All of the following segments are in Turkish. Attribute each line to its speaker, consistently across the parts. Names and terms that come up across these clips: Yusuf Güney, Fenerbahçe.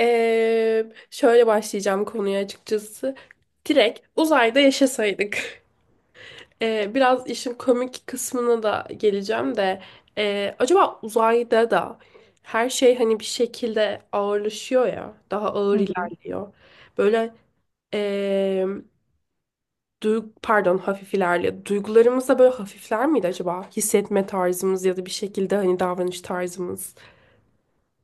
Speaker 1: Şöyle başlayacağım konuya açıkçası. Direkt uzayda yaşasaydık. Biraz işin komik kısmına da geleceğim de. Acaba uzayda da her şey hani bir şekilde ağırlaşıyor ya. Daha ağır
Speaker 2: Hı hı.
Speaker 1: ilerliyor. Böyle ee, pardon, hafif ilerliyor. Duygularımız da böyle hafifler miydi acaba? Hissetme tarzımız ya da bir şekilde hani davranış tarzımız.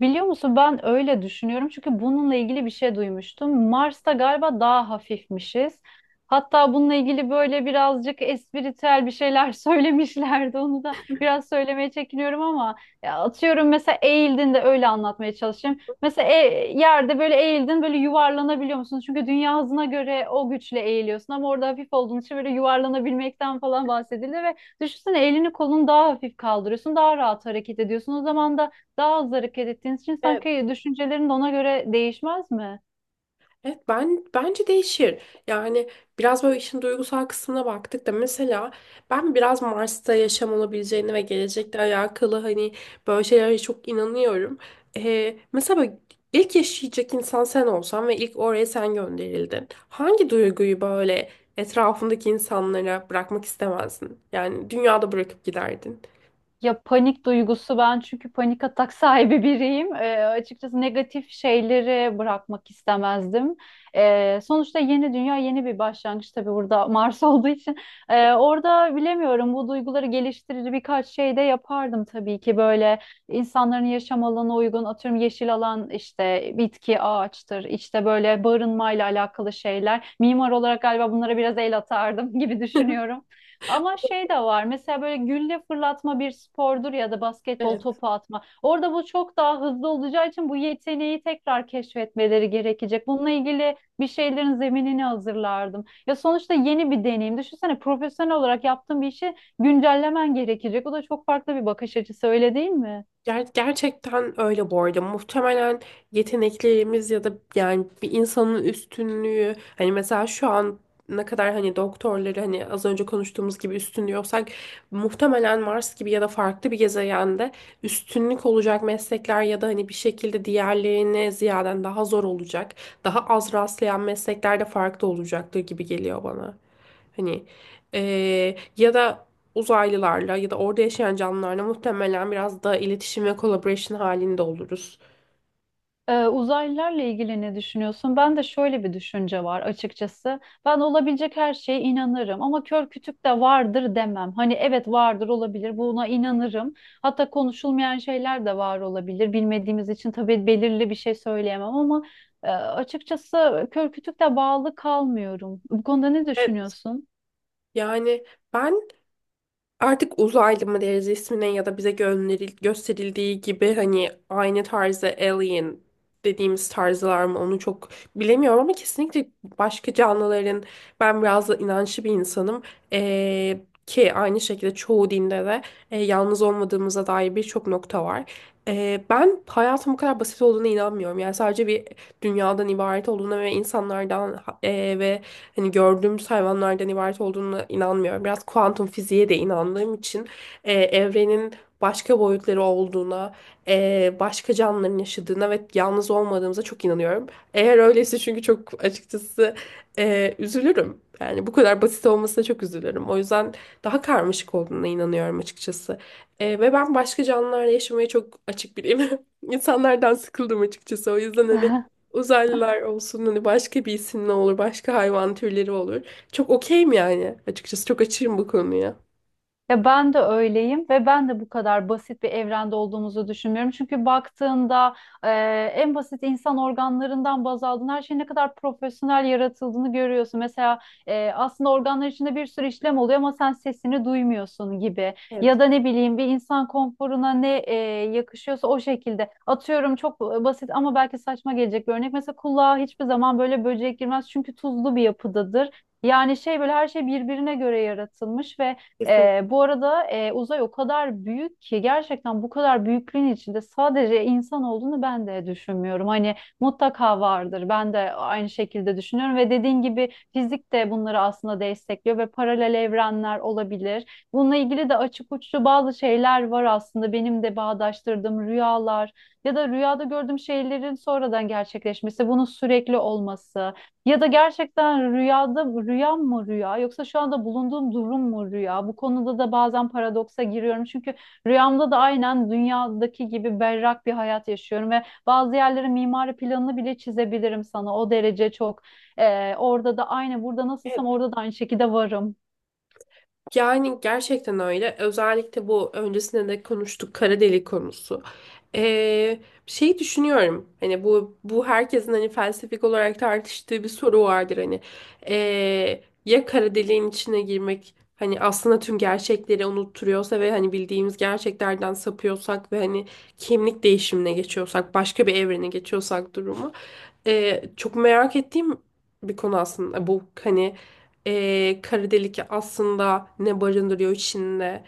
Speaker 2: Biliyor musun ben öyle düşünüyorum çünkü bununla ilgili bir şey duymuştum. Mars'ta galiba daha hafifmişiz. Hatta bununla ilgili böyle birazcık espritüel bir şeyler söylemişlerdi. Onu da biraz söylemeye çekiniyorum ama ya atıyorum mesela eğildin de öyle anlatmaya çalışayım. Mesela yerde böyle eğildin böyle yuvarlanabiliyor musun? Çünkü dünya hızına göre o güçle eğiliyorsun ama orada hafif olduğun için böyle yuvarlanabilmekten falan bahsedildi ve düşünsene elini kolunu daha hafif kaldırıyorsun, daha rahat hareket ediyorsun. O zaman da daha hızlı hareket ettiğiniz için
Speaker 1: Evet.
Speaker 2: sanki düşüncelerin de ona göre değişmez mi?
Speaker 1: Evet, ben bence değişir. Yani biraz böyle işin duygusal kısmına baktık da mesela ben biraz Mars'ta yaşam olabileceğini ve gelecekle alakalı hani böyle şeylere çok inanıyorum. Mesela böyle ilk yaşayacak insan sen olsan ve ilk oraya sen gönderildin. Hangi duyguyu böyle etrafındaki insanlara bırakmak istemezdin? Yani dünyada bırakıp giderdin.
Speaker 2: Ya panik duygusu ben çünkü panik atak sahibi biriyim. Açıkçası negatif şeyleri bırakmak istemezdim. Sonuçta yeni dünya yeni bir başlangıç tabii burada Mars olduğu için. Orada bilemiyorum bu duyguları geliştirici birkaç şey de yapardım tabii ki böyle insanların yaşam alanına uygun atıyorum yeşil alan işte bitki ağaçtır işte böyle barınmayla alakalı şeyler. Mimar olarak galiba bunlara biraz el atardım gibi düşünüyorum. Ama şey de var mesela böyle gülle fırlatma bir spordur ya da basketbol
Speaker 1: Evet.
Speaker 2: topu atma. Orada bu çok daha hızlı olacağı için bu yeteneği tekrar keşfetmeleri gerekecek. Bununla ilgili bir şeylerin zeminini hazırlardım. Ya sonuçta yeni bir deneyim. Düşünsene profesyonel olarak yaptığın bir işi güncellemen gerekecek. O da çok farklı bir bakış açısı öyle değil mi?
Speaker 1: Gerçekten öyle bu arada. Muhtemelen yeteneklerimiz ya da yani bir insanın üstünlüğü hani mesela şu an ne kadar hani doktorları hani az önce konuştuğumuz gibi üstünlüyorsak muhtemelen Mars gibi ya da farklı bir gezegende üstünlük olacak meslekler ya da hani bir şekilde diğerlerine ziyaden daha zor olacak, daha az rastlayan meslekler de farklı olacaktır gibi geliyor bana. Hani ya da uzaylılarla ya da orada yaşayan canlılarla muhtemelen biraz daha iletişim ve collaboration halinde oluruz.
Speaker 2: Uzaylılarla ilgili ne düşünüyorsun? Ben de şöyle bir düşünce var açıkçası. Ben olabilecek her şeye inanırım ama kör kütük de vardır demem. Hani evet vardır olabilir buna inanırım. Hatta konuşulmayan şeyler de var olabilir. Bilmediğimiz için tabii belirli bir şey söyleyemem ama açıkçası kör kütük de bağlı kalmıyorum. Bu konuda ne
Speaker 1: Evet.
Speaker 2: düşünüyorsun?
Speaker 1: Yani ben artık uzaylı mı deriz ismine ya da bize gösterildiği gibi hani aynı tarzda alien dediğimiz tarzlar mı onu çok bilemiyorum ama kesinlikle başka canlıların, ben biraz da inançlı bir insanım, Ee, ki aynı şekilde çoğu dinde de yalnız olmadığımıza dair birçok nokta var. Ben hayatın bu kadar basit olduğuna inanmıyorum. Yani sadece bir dünyadan ibaret olduğuna ve insanlardan ve hani gördüğümüz hayvanlardan ibaret olduğuna inanmıyorum. Biraz kuantum fiziğe de inandığım için evrenin başka boyutları olduğuna, başka canlıların yaşadığına ve yalnız olmadığımıza çok inanıyorum. Eğer öyleyse çünkü çok açıkçası üzülürüm. Yani bu kadar basit olmasına çok üzülürüm. O yüzden daha karmaşık olduğuna inanıyorum açıkçası. Ve ben başka canlılarla yaşamaya çok açık biriyim. İnsanlardan sıkıldım açıkçası. O yüzden hani uzaylılar olsun, hani başka bir isim ne olur, başka hayvan türleri olur. Çok okeyim yani, açıkçası çok açığım bu konuya.
Speaker 2: Ya ben de öyleyim ve ben de bu kadar basit bir evrende olduğumuzu düşünmüyorum. Çünkü baktığında e, en basit insan organlarından baz aldığın her şeyin ne kadar profesyonel yaratıldığını görüyorsun. Mesela aslında organlar içinde bir sürü işlem oluyor ama sen sesini duymuyorsun gibi.
Speaker 1: Evet.
Speaker 2: Ya da ne bileyim bir insan konforuna ne yakışıyorsa o şekilde. Atıyorum çok basit ama belki saçma gelecek bir örnek. Mesela kulağa hiçbir zaman böyle böcek girmez çünkü tuzlu bir yapıdadır. Yani şey böyle her şey birbirine göre yaratılmış ve
Speaker 1: Kesin.
Speaker 2: bu arada uzay o kadar büyük ki gerçekten bu kadar büyüklüğün içinde sadece insan olduğunu ben de düşünmüyorum. Hani mutlaka vardır. Ben de aynı şekilde düşünüyorum ve dediğin gibi fizik de bunları aslında destekliyor ve paralel evrenler olabilir. Bununla ilgili de açık uçlu bazı şeyler var aslında benim de bağdaştırdığım rüyalar ya da rüyada gördüğüm şeylerin sonradan gerçekleşmesi, bunun sürekli olması. Ya da gerçekten rüyada rüyam mı rüya yoksa şu anda bulunduğum durum mu rüya? Bu konuda da bazen paradoksa giriyorum. Çünkü rüyamda da aynen dünyadaki gibi berrak bir hayat yaşıyorum ve bazı yerlerin mimari planını bile çizebilirim sana. O derece çok. Orada da aynı burada nasılsam
Speaker 1: Evet,
Speaker 2: orada da aynı şekilde varım.
Speaker 1: yani gerçekten öyle. Özellikle bu öncesinde de konuştuk kara delik konusu. Ee, şey düşünüyorum. Hani bu herkesin hani felsefik olarak tartıştığı bir soru vardır hani. Ya kara deliğin içine girmek hani aslında tüm gerçekleri unutturuyorsa ve hani bildiğimiz gerçeklerden sapıyorsak ve hani kimlik değişimine geçiyorsak, başka bir evrene geçiyorsak durumu. Çok merak ettiğim bir konu aslında bu hani, kara delik aslında ne barındırıyor içinde?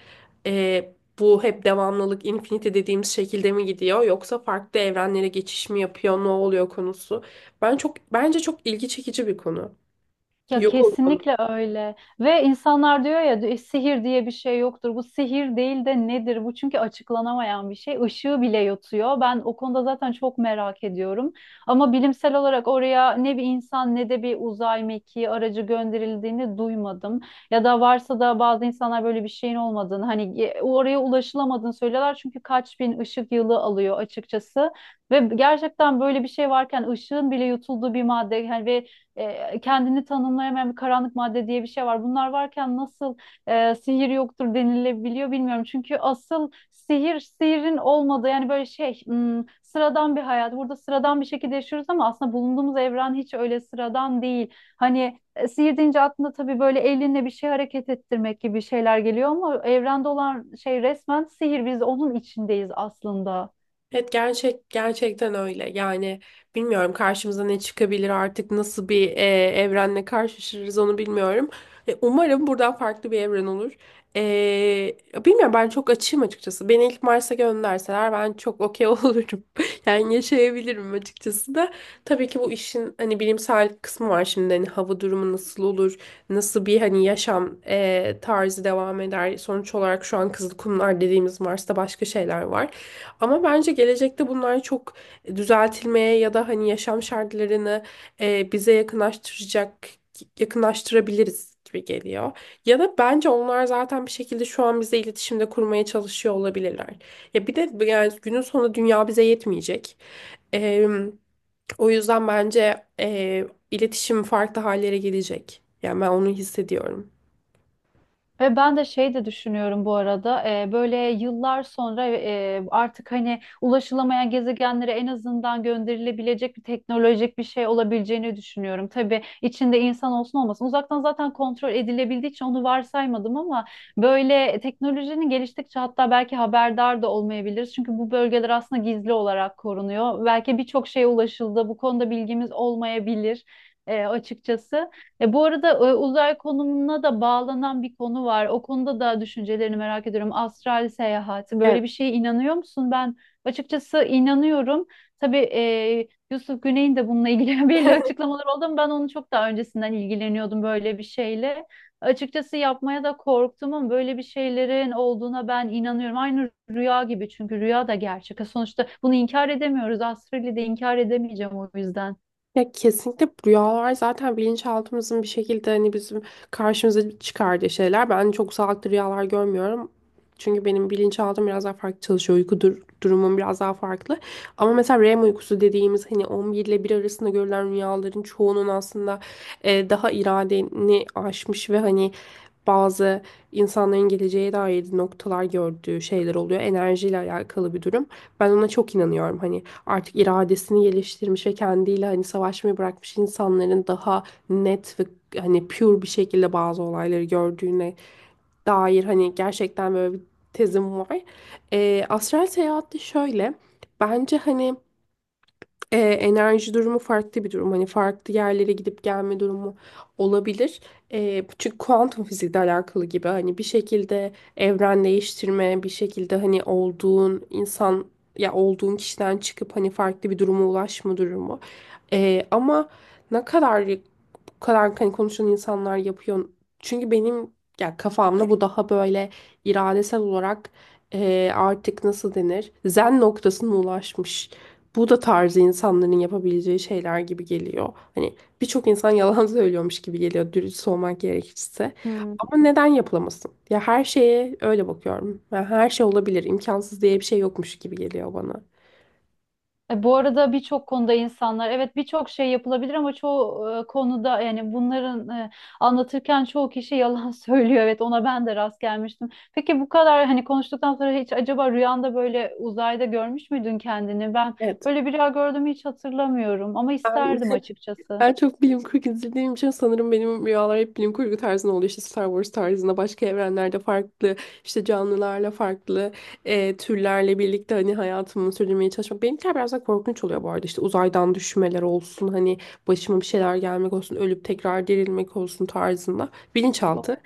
Speaker 1: Bu hep devamlılık, infinity dediğimiz şekilde mi gidiyor yoksa farklı evrenlere geçiş mi yapıyor, ne oluyor konusu. Ben çok, bence çok ilgi çekici bir konu.
Speaker 2: Ya
Speaker 1: Yok oluyor.
Speaker 2: kesinlikle öyle. Ve insanlar diyor ya "E, sihir diye bir şey yoktur. Bu sihir değil de nedir? Bu çünkü açıklanamayan bir şey. Işığı bile yutuyor. Ben o konuda zaten çok merak ediyorum. Ama bilimsel olarak oraya ne bir insan ne de bir uzay mekiği aracı gönderildiğini duymadım. Ya da varsa da bazı insanlar böyle bir şeyin olmadığını hani oraya ulaşılamadığını söylüyorlar. Çünkü kaç bin ışık yılı alıyor açıkçası. Ve gerçekten böyle bir şey varken ışığın bile yutulduğu bir madde yani ve kendini tanımlayamayan bir karanlık madde diye bir şey var. Bunlar varken nasıl sihir yoktur denilebiliyor bilmiyorum. Çünkü asıl sihir sihirin olmadığı yani böyle şey sıradan bir hayat. Burada sıradan bir şekilde yaşıyoruz ama aslında bulunduğumuz evren hiç öyle sıradan değil. Hani sihir deyince aklına tabii böyle elinle bir şey hareket ettirmek gibi şeyler geliyor ama evrende olan şey resmen sihir. Biz onun içindeyiz aslında.
Speaker 1: Evet, gerçekten öyle. Yani bilmiyorum karşımıza ne çıkabilir artık, nasıl bir evrenle karşılaşırız onu bilmiyorum. Umarım buradan farklı bir evren olur. Bilmiyorum, ben çok açığım açıkçası. Beni ilk Mars'a gönderseler ben çok okey olurum. Yani yaşayabilirim açıkçası da. Tabii ki bu işin hani bilimsel kısmı var şimdi. Hani hava durumu nasıl olur? Nasıl bir hani yaşam tarzı devam eder? Sonuç olarak şu an Kızılkumlar dediğimiz Mars'ta başka şeyler var. Ama bence gelecekte bunlar çok düzeltilmeye ya da hani yaşam şartlarını bize yakınlaştıracak yakınlaştırabiliriz gibi geliyor. Ya da bence onlar zaten bir şekilde şu an bize iletişimde kurmaya çalışıyor olabilirler. Ya bir de yani günün sonunda dünya bize yetmeyecek. E, O yüzden bence iletişim farklı hallere gelecek. Yani ben onu hissediyorum.
Speaker 2: Ve ben de şey de düşünüyorum bu arada böyle yıllar sonra artık hani ulaşılamayan gezegenlere en azından gönderilebilecek bir teknolojik bir şey olabileceğini düşünüyorum. Tabii içinde insan olsun olmasın uzaktan zaten kontrol edilebildiği için onu varsaymadım ama böyle teknolojinin geliştikçe hatta belki haberdar da olmayabiliriz. Çünkü bu bölgeler aslında gizli olarak korunuyor. Belki birçok şeye ulaşıldı bu konuda bilgimiz olmayabilir açıkçası. Bu arada uzay konumuna da bağlanan bir konu var. O konuda da düşüncelerini merak ediyorum. Astral seyahat.
Speaker 1: Evet.
Speaker 2: Böyle bir şeye inanıyor musun? Ben açıkçası inanıyorum. Tabii Yusuf Güney'in de bununla ilgili belli açıklamalar oldu ama ben onu çok daha öncesinden ilgileniyordum böyle bir şeyle. Açıkçası yapmaya da korktum ama böyle bir şeylerin olduğuna ben inanıyorum. Aynı rüya gibi çünkü rüya da gerçek. Sonuçta bunu inkar edemiyoruz. Astral'i de inkar edemeyeceğim o yüzden.
Speaker 1: Ya kesinlikle rüyalar zaten bilinçaltımızın bir şekilde hani bizim karşımıza çıkardığı şeyler. Ben çok sağlıklı rüyalar görmüyorum. Çünkü benim bilinçaltım biraz daha farklı çalışıyor. Uyku durumum biraz daha farklı. Ama mesela REM uykusu dediğimiz hani 11 ile 1 arasında görülen rüyaların çoğunun aslında daha iradeni aşmış ve hani bazı insanların geleceğe dair noktalar gördüğü şeyler oluyor. Enerjiyle alakalı bir durum. Ben ona çok inanıyorum. Hani artık iradesini geliştirmiş ve kendiyle hani savaşmayı bırakmış insanların daha net ve hani pure bir şekilde bazı olayları gördüğüne dair hani gerçekten böyle bir tezim var. Astral seyahat de şöyle. Bence hani enerji durumu farklı bir durum. Hani farklı yerlere gidip gelme durumu olabilir. Çünkü kuantum fizikle alakalı gibi hani bir şekilde evren değiştirme, bir şekilde hani olduğun insan ya olduğun kişiden çıkıp hani farklı bir duruma ulaşma durumu. Ama ne kadar bu kadar hani konuşan insanlar yapıyor. Çünkü benim, ya kafamda bu daha böyle iradesel olarak artık nasıl denir? Zen noktasına ulaşmış. Bu da tarzı insanların yapabileceği şeyler gibi geliyor. Hani birçok insan yalan söylüyormuş gibi geliyor dürüst olmak gerekirse. Ama neden yapılamasın? Ya her şeye öyle bakıyorum. Ya her şey olabilir, imkansız diye bir şey yokmuş gibi geliyor bana.
Speaker 2: Bu arada birçok konuda insanlar evet birçok şey yapılabilir ama çoğu konuda yani bunların anlatırken çoğu kişi yalan söylüyor. Evet ona ben de rast gelmiştim. Peki bu kadar hani konuştuktan sonra hiç acaba rüyanda böyle uzayda görmüş müydün kendini? Ben
Speaker 1: Evet.
Speaker 2: böyle bir rüya gördüğümü hiç hatırlamıyorum ama
Speaker 1: Ben
Speaker 2: isterdim açıkçası.
Speaker 1: Ben çok bilim kurgu izlediğim için sanırım benim rüyalar hep bilim kurgu tarzında oluyor. İşte Star Wars tarzında, başka evrenlerde farklı, işte canlılarla farklı türlerle birlikte hani hayatımı sürdürmeye çalışmak. Benimkiler biraz daha korkunç oluyor bu arada. İşte uzaydan düşmeler olsun, hani başıma bir şeyler gelmek olsun, ölüp tekrar dirilmek olsun tarzında. Bilinçaltı.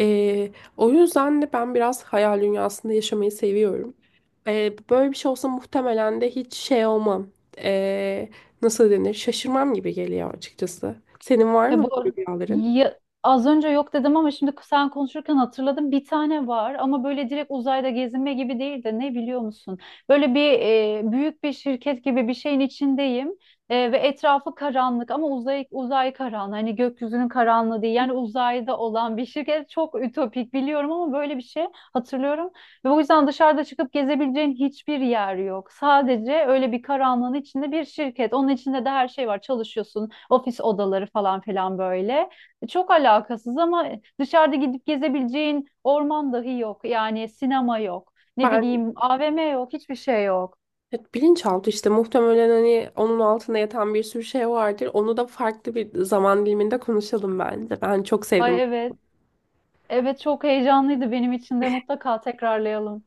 Speaker 1: E, O yüzden de ben biraz hayal dünyasında yaşamayı seviyorum. Böyle bir şey olsa muhtemelen de hiç şey olmam. E, nasıl denir, şaşırmam gibi geliyor açıkçası. Senin var
Speaker 2: Ve
Speaker 1: mı böyle rüyaların?
Speaker 2: az önce yok dedim ama şimdi sen konuşurken hatırladım. Bir tane var ama böyle direkt uzayda gezinme gibi değil de ne biliyor musun? Böyle bir büyük bir şirket gibi bir şeyin içindeyim ve etrafı karanlık ama uzay karanlığı hani gökyüzünün karanlığı değil. Yani uzayda olan bir şirket çok ütopik biliyorum ama böyle bir şey hatırlıyorum. Ve o yüzden dışarıda çıkıp gezebileceğin hiçbir yer yok. Sadece öyle bir karanlığın içinde bir şirket. Onun içinde de her şey var. Çalışıyorsun, ofis odaları falan filan böyle. Çok alakasız ama dışarıda gidip gezebileceğin orman dahi yok. Yani sinema yok. Ne
Speaker 1: Ben
Speaker 2: bileyim AVM yok. Hiçbir şey yok.
Speaker 1: evet, bilinçaltı işte muhtemelen hani onun altında yatan bir sürü şey vardır. Onu da farklı bir zaman diliminde konuşalım bence. Ben çok sevdim.
Speaker 2: Ay evet. Evet çok heyecanlıydı benim için de mutlaka tekrarlayalım.